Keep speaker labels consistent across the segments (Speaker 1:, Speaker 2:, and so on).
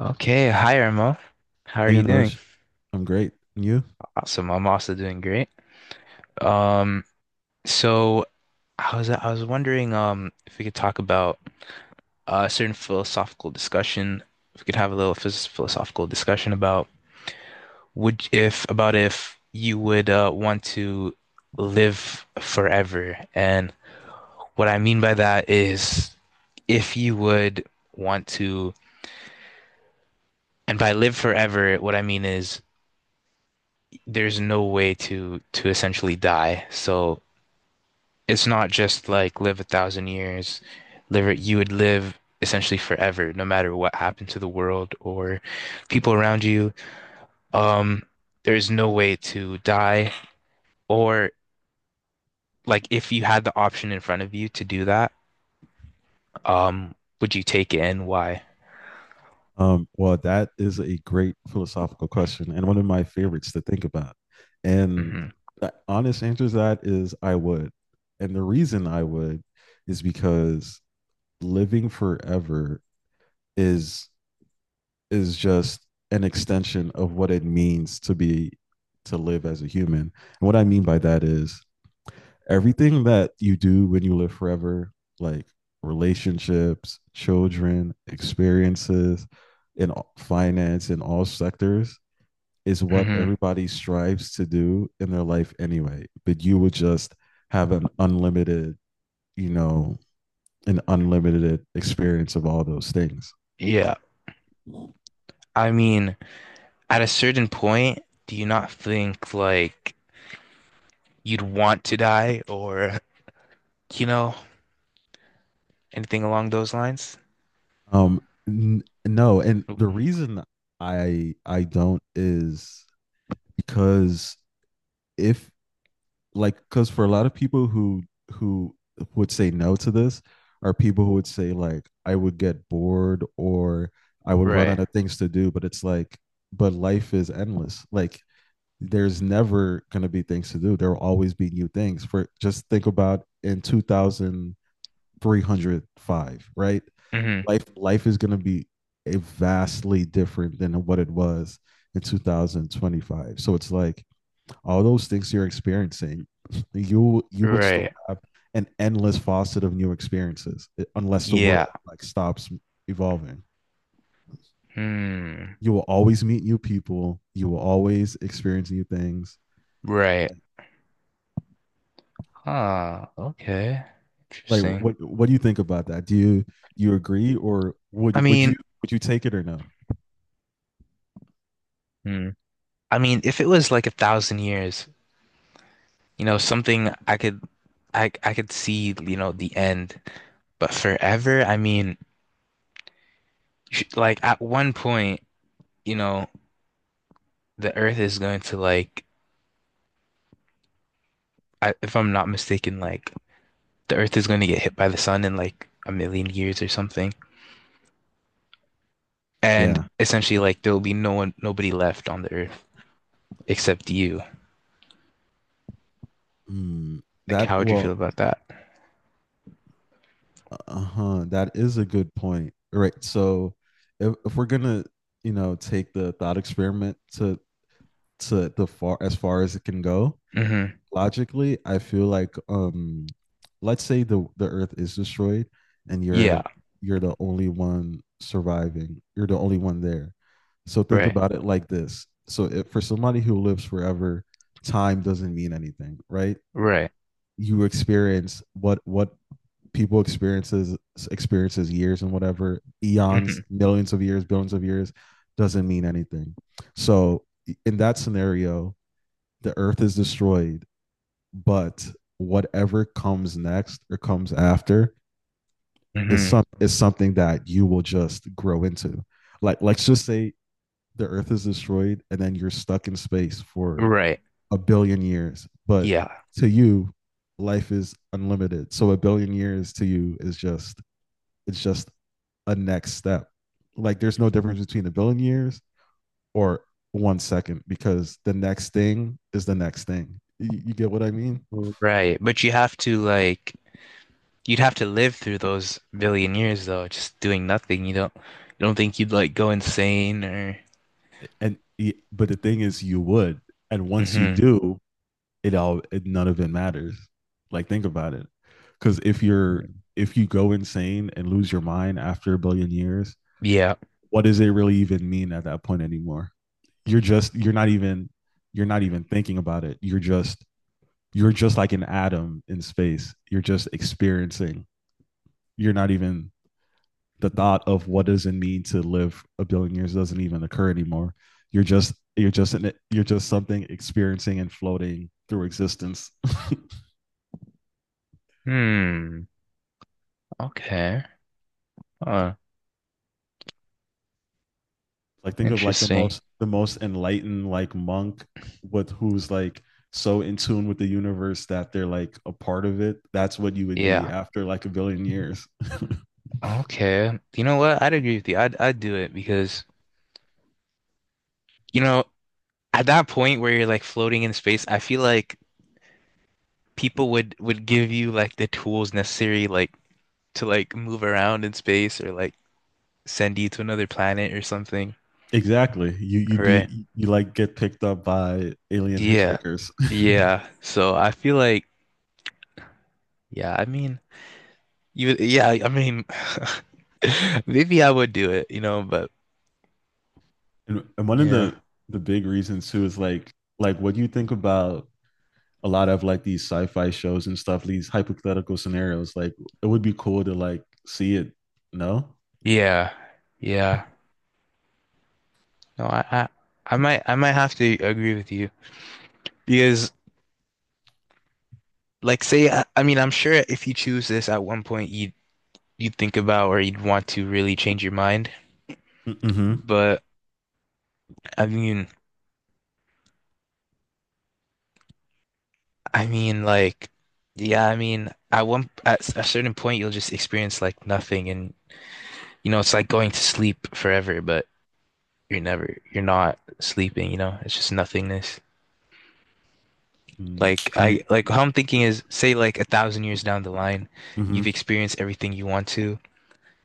Speaker 1: Okay, hi Irma. How are
Speaker 2: Hey,
Speaker 1: you doing?
Speaker 2: Anoj, I'm great. And you?
Speaker 1: Awesome. I'm also doing great. Um, so I was wondering if we could talk about a certain philosophical discussion. If we could have a little phys philosophical discussion about if you would want to live forever. And what I mean by that is if you would want to, and by live forever, what I mean is there's no way to essentially die. So it's not just like live 1,000 years, you would live essentially forever, no matter what happened to the world or people around you. Um, there's no way to die, or like if you had the option in front of you to do that, um, would you take it and why?
Speaker 2: Well, that is a great philosophical question and one of my favorites to think about. And
Speaker 1: Hmm.
Speaker 2: the honest answer to that is I would. And the reason I would is because living forever is is just an extension of what it means to be to live as a human. And what I mean by that is everything that you do when you live forever, like relationships, children, experiences, in finance, in all sectors, is what
Speaker 1: Hmm.
Speaker 2: everybody strives to do in their life anyway. But you would just have you know, an unlimited experience of all those things.
Speaker 1: Yeah. I mean, at a certain point, do you not think like you'd want to die or, you know, anything along those lines?
Speaker 2: Um, no, and the reason I don't is because if like because for a lot of people who would say no to this are people who would say like I would get bored or I would run
Speaker 1: Right.
Speaker 2: out of things to do. But it's like, but life is endless. Like there's never going to be things to do. There will always be new things. For just think about in 2305, right?
Speaker 1: Mm-hmm.
Speaker 2: Life is going to be a vastly different than what it was in 2025. So it's like all those things you're experiencing, you would still
Speaker 1: Right.
Speaker 2: have an endless faucet of new experiences, unless the
Speaker 1: Yeah.
Speaker 2: world like stops evolving.
Speaker 1: Hmm.
Speaker 2: You will always meet new people. You will always experience new things.
Speaker 1: Right. Huh. Okay.
Speaker 2: Like
Speaker 1: Interesting.
Speaker 2: what do you think about that? Do you agree or
Speaker 1: I
Speaker 2: would would you
Speaker 1: mean,
Speaker 2: would you take it or no?
Speaker 1: hmm. I mean, if it was like 1,000 years, something I could, I could see, the end. But forever, I mean, like at one point, you know, the Earth is going to like, if I'm not mistaken, like the Earth is going to get hit by the sun in like 1,000,000 years or something, and
Speaker 2: Yeah.
Speaker 1: essentially, like there will be no one, nobody left on the Earth except you.
Speaker 2: Mm,
Speaker 1: Like, how
Speaker 2: that
Speaker 1: would you feel
Speaker 2: well,
Speaker 1: about that?
Speaker 2: Uh-huh. That is a good point. Right. So if we're gonna, take the thought experiment to the far as it can go,
Speaker 1: Hmm.
Speaker 2: logically, I feel like let's say the earth is destroyed and
Speaker 1: Yeah.
Speaker 2: you're the only one surviving. You're the only one there. So think
Speaker 1: Right.
Speaker 2: about it like this. So if for somebody who lives forever, time doesn't mean anything, right?
Speaker 1: Right.
Speaker 2: You experience what people experiences years and whatever eons
Speaker 1: Hmm.
Speaker 2: millions of years billions of years doesn't mean anything, so in that scenario, the earth is destroyed, but whatever comes next or comes after is
Speaker 1: Hmm.
Speaker 2: some is something that you will just grow into. Like let's just say the earth is destroyed and then you're stuck in space for
Speaker 1: Right.
Speaker 2: a billion years, but
Speaker 1: Yeah.
Speaker 2: to you life is unlimited, so a billion years to you is just it's just a next step. Like there's no difference between the billion years or 1 second, because the next thing is the next thing. You get what I mean?
Speaker 1: Right. But you'd have to live through those billion years though, just doing nothing. You don't think you'd like go insane or.
Speaker 2: And but the thing is, you would, and once you
Speaker 1: Hmm.
Speaker 2: do, none of it matters. Like think about it, because if you go insane and lose your mind after a billion years,
Speaker 1: Yeah.
Speaker 2: what does it really even mean at that point anymore? You're just you're not even thinking about it. You're just like an atom in space. You're just experiencing. You're not even The thought of what does it mean to live a billion years doesn't even occur anymore. You're just something experiencing and floating through existence.
Speaker 1: Hmm. Okay. Huh.
Speaker 2: Like think of like the
Speaker 1: Interesting.
Speaker 2: most the most enlightened like monk with who's like so in tune with the universe that they're like a part of it. That's what you would be
Speaker 1: Yeah.
Speaker 2: after like a billion years.
Speaker 1: Okay. You know what? I'd agree with you. I'd do it because you know, at that point where you're like floating in space, I feel like people would give you like the tools necessary like to like move around in space or like send you to another planet or something.
Speaker 2: Exactly. You you'd
Speaker 1: Right.
Speaker 2: be you like get picked up by alien
Speaker 1: Yeah.
Speaker 2: hitchhikers.
Speaker 1: Yeah. So I feel like, yeah, I mean you yeah, I mean maybe I would do it, but
Speaker 2: And one of
Speaker 1: yeah.
Speaker 2: the big reasons too is like what do you think about a lot of like these sci-fi shows and stuff, these hypothetical scenarios? Like it would be cool to like see it. No?
Speaker 1: Yeah. Yeah. No, I might have to agree with you because I mean I'm sure if you choose this at one point you'd think about or you'd want to really change your mind.
Speaker 2: Mm-hmm.
Speaker 1: But I mean, like, yeah, I mean, at a certain point, you'll just experience like nothing, and it's like going to sleep forever, but you're not sleeping. It's just nothingness.
Speaker 2: Mm, I mean,
Speaker 1: Like how I'm thinking is, say, like 1,000 years down the line,
Speaker 2: mm-hmm.
Speaker 1: you've experienced everything you want to,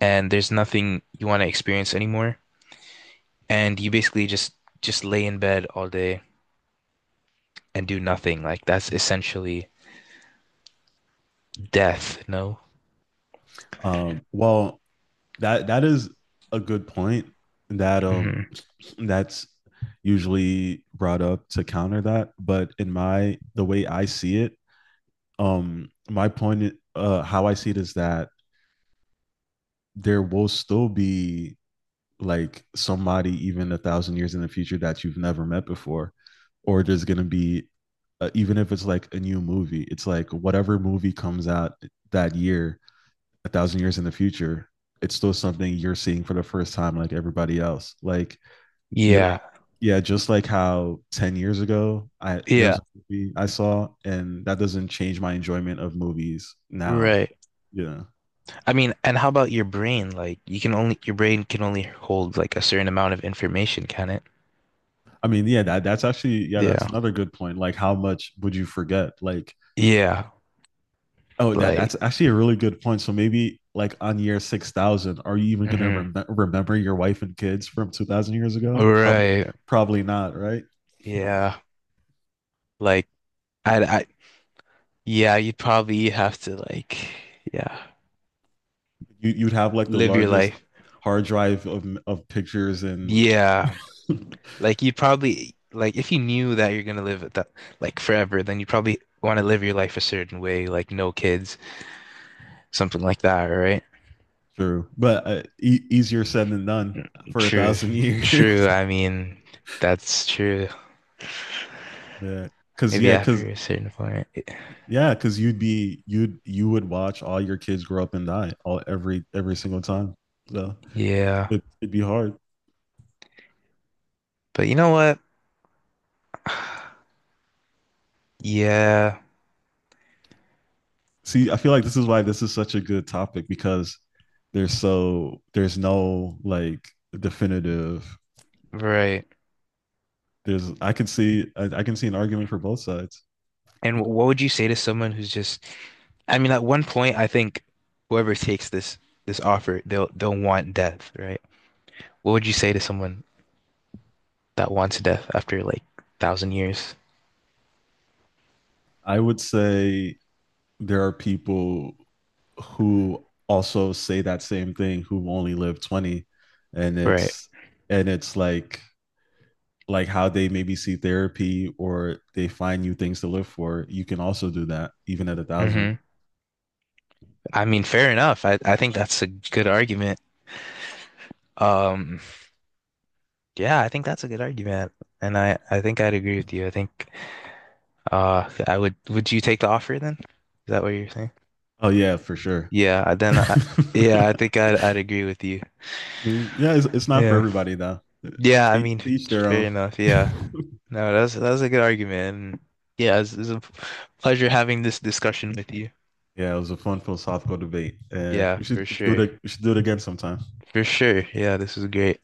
Speaker 1: and there's nothing you want to experience anymore, and you basically just lay in bed all day and do nothing. Like that's essentially death. No.
Speaker 2: Well, that is a good point that um
Speaker 1: Hmm.
Speaker 2: that's usually brought up to counter that, but in my the way I see it, my point, how I see it is that there will still be like somebody even a thousand years in the future that you've never met before, or there's going to be even if it's like a new movie, it's like whatever movie comes out that year a thousand years in the future, it's still something you're seeing for the first time like everybody else, like you're
Speaker 1: Yeah.
Speaker 2: yeah, just like how 10 years ago I there
Speaker 1: Yeah.
Speaker 2: was a movie I saw and that doesn't change my enjoyment of movies now,
Speaker 1: Right.
Speaker 2: yeah.
Speaker 1: I mean, and how about your brain? Your brain can only hold like a certain amount of information, can it?
Speaker 2: I mean, yeah, that's actually, yeah,
Speaker 1: Yeah.
Speaker 2: that's another good point. Like, how much would you forget? Like,
Speaker 1: Yeah.
Speaker 2: oh, that
Speaker 1: Like.
Speaker 2: that's actually a really good point. So maybe like on year 6,000, are you even gonna
Speaker 1: Hmm.
Speaker 2: remember your wife and kids from 2,000 years ago? Probably,
Speaker 1: Right.
Speaker 2: probably not, right?
Speaker 1: Yeah. Like I yeah, you'd probably have to yeah,
Speaker 2: You'd have like the
Speaker 1: live your
Speaker 2: largest
Speaker 1: life.
Speaker 2: hard drive of pictures and
Speaker 1: Yeah. Like you'd probably like if you knew that you're gonna live it that like forever, then you probably want to live your life a certain way, like no kids, something like that, right?
Speaker 2: true, but easier said than done for a
Speaker 1: True.
Speaker 2: thousand years.
Speaker 1: True. I mean, that's true.
Speaker 2: Yeah, because
Speaker 1: Maybe
Speaker 2: yeah,
Speaker 1: after
Speaker 2: because
Speaker 1: a certain point.
Speaker 2: Yeah, because you'd be you'd you would watch all your kids grow up and die all every single time. So
Speaker 1: Yeah.
Speaker 2: it'd be hard.
Speaker 1: But you know what? Yeah,
Speaker 2: See, I feel like this is why this is such a good topic, because there's no like definitive.
Speaker 1: right.
Speaker 2: There's I can see an argument for both sides.
Speaker 1: And what would you say to someone who's just, I mean, at one point, I think whoever takes this offer, they'll want death, right? What would you say to someone that wants death after like 1,000 years?
Speaker 2: I would say there are people who also say that same thing who only live 20, and
Speaker 1: Right.
Speaker 2: it's and it's like how they maybe see therapy or they find new things to live for. You can also do that even at a thousand.
Speaker 1: Hmm. I mean, fair enough. I think that's a good argument. Um, yeah, I think that's a good argument, and I think I'd agree with you. I think I would. Would you take the offer then? Is that what you're saying?
Speaker 2: Oh yeah, for sure.
Speaker 1: Yeah,
Speaker 2: I
Speaker 1: yeah, I think I'd agree with you.
Speaker 2: mean, yeah, it's not for
Speaker 1: Yeah.
Speaker 2: everybody though.
Speaker 1: Yeah, I
Speaker 2: To
Speaker 1: mean,
Speaker 2: each their
Speaker 1: fair
Speaker 2: own.
Speaker 1: enough.
Speaker 2: Yeah,
Speaker 1: Yeah. No, that's a good argument. And Yeah, it's a pleasure having this discussion with you.
Speaker 2: it was a fun philosophical debate, and
Speaker 1: Yeah, for sure.
Speaker 2: we should do it again sometime.
Speaker 1: For sure. Yeah, this is great.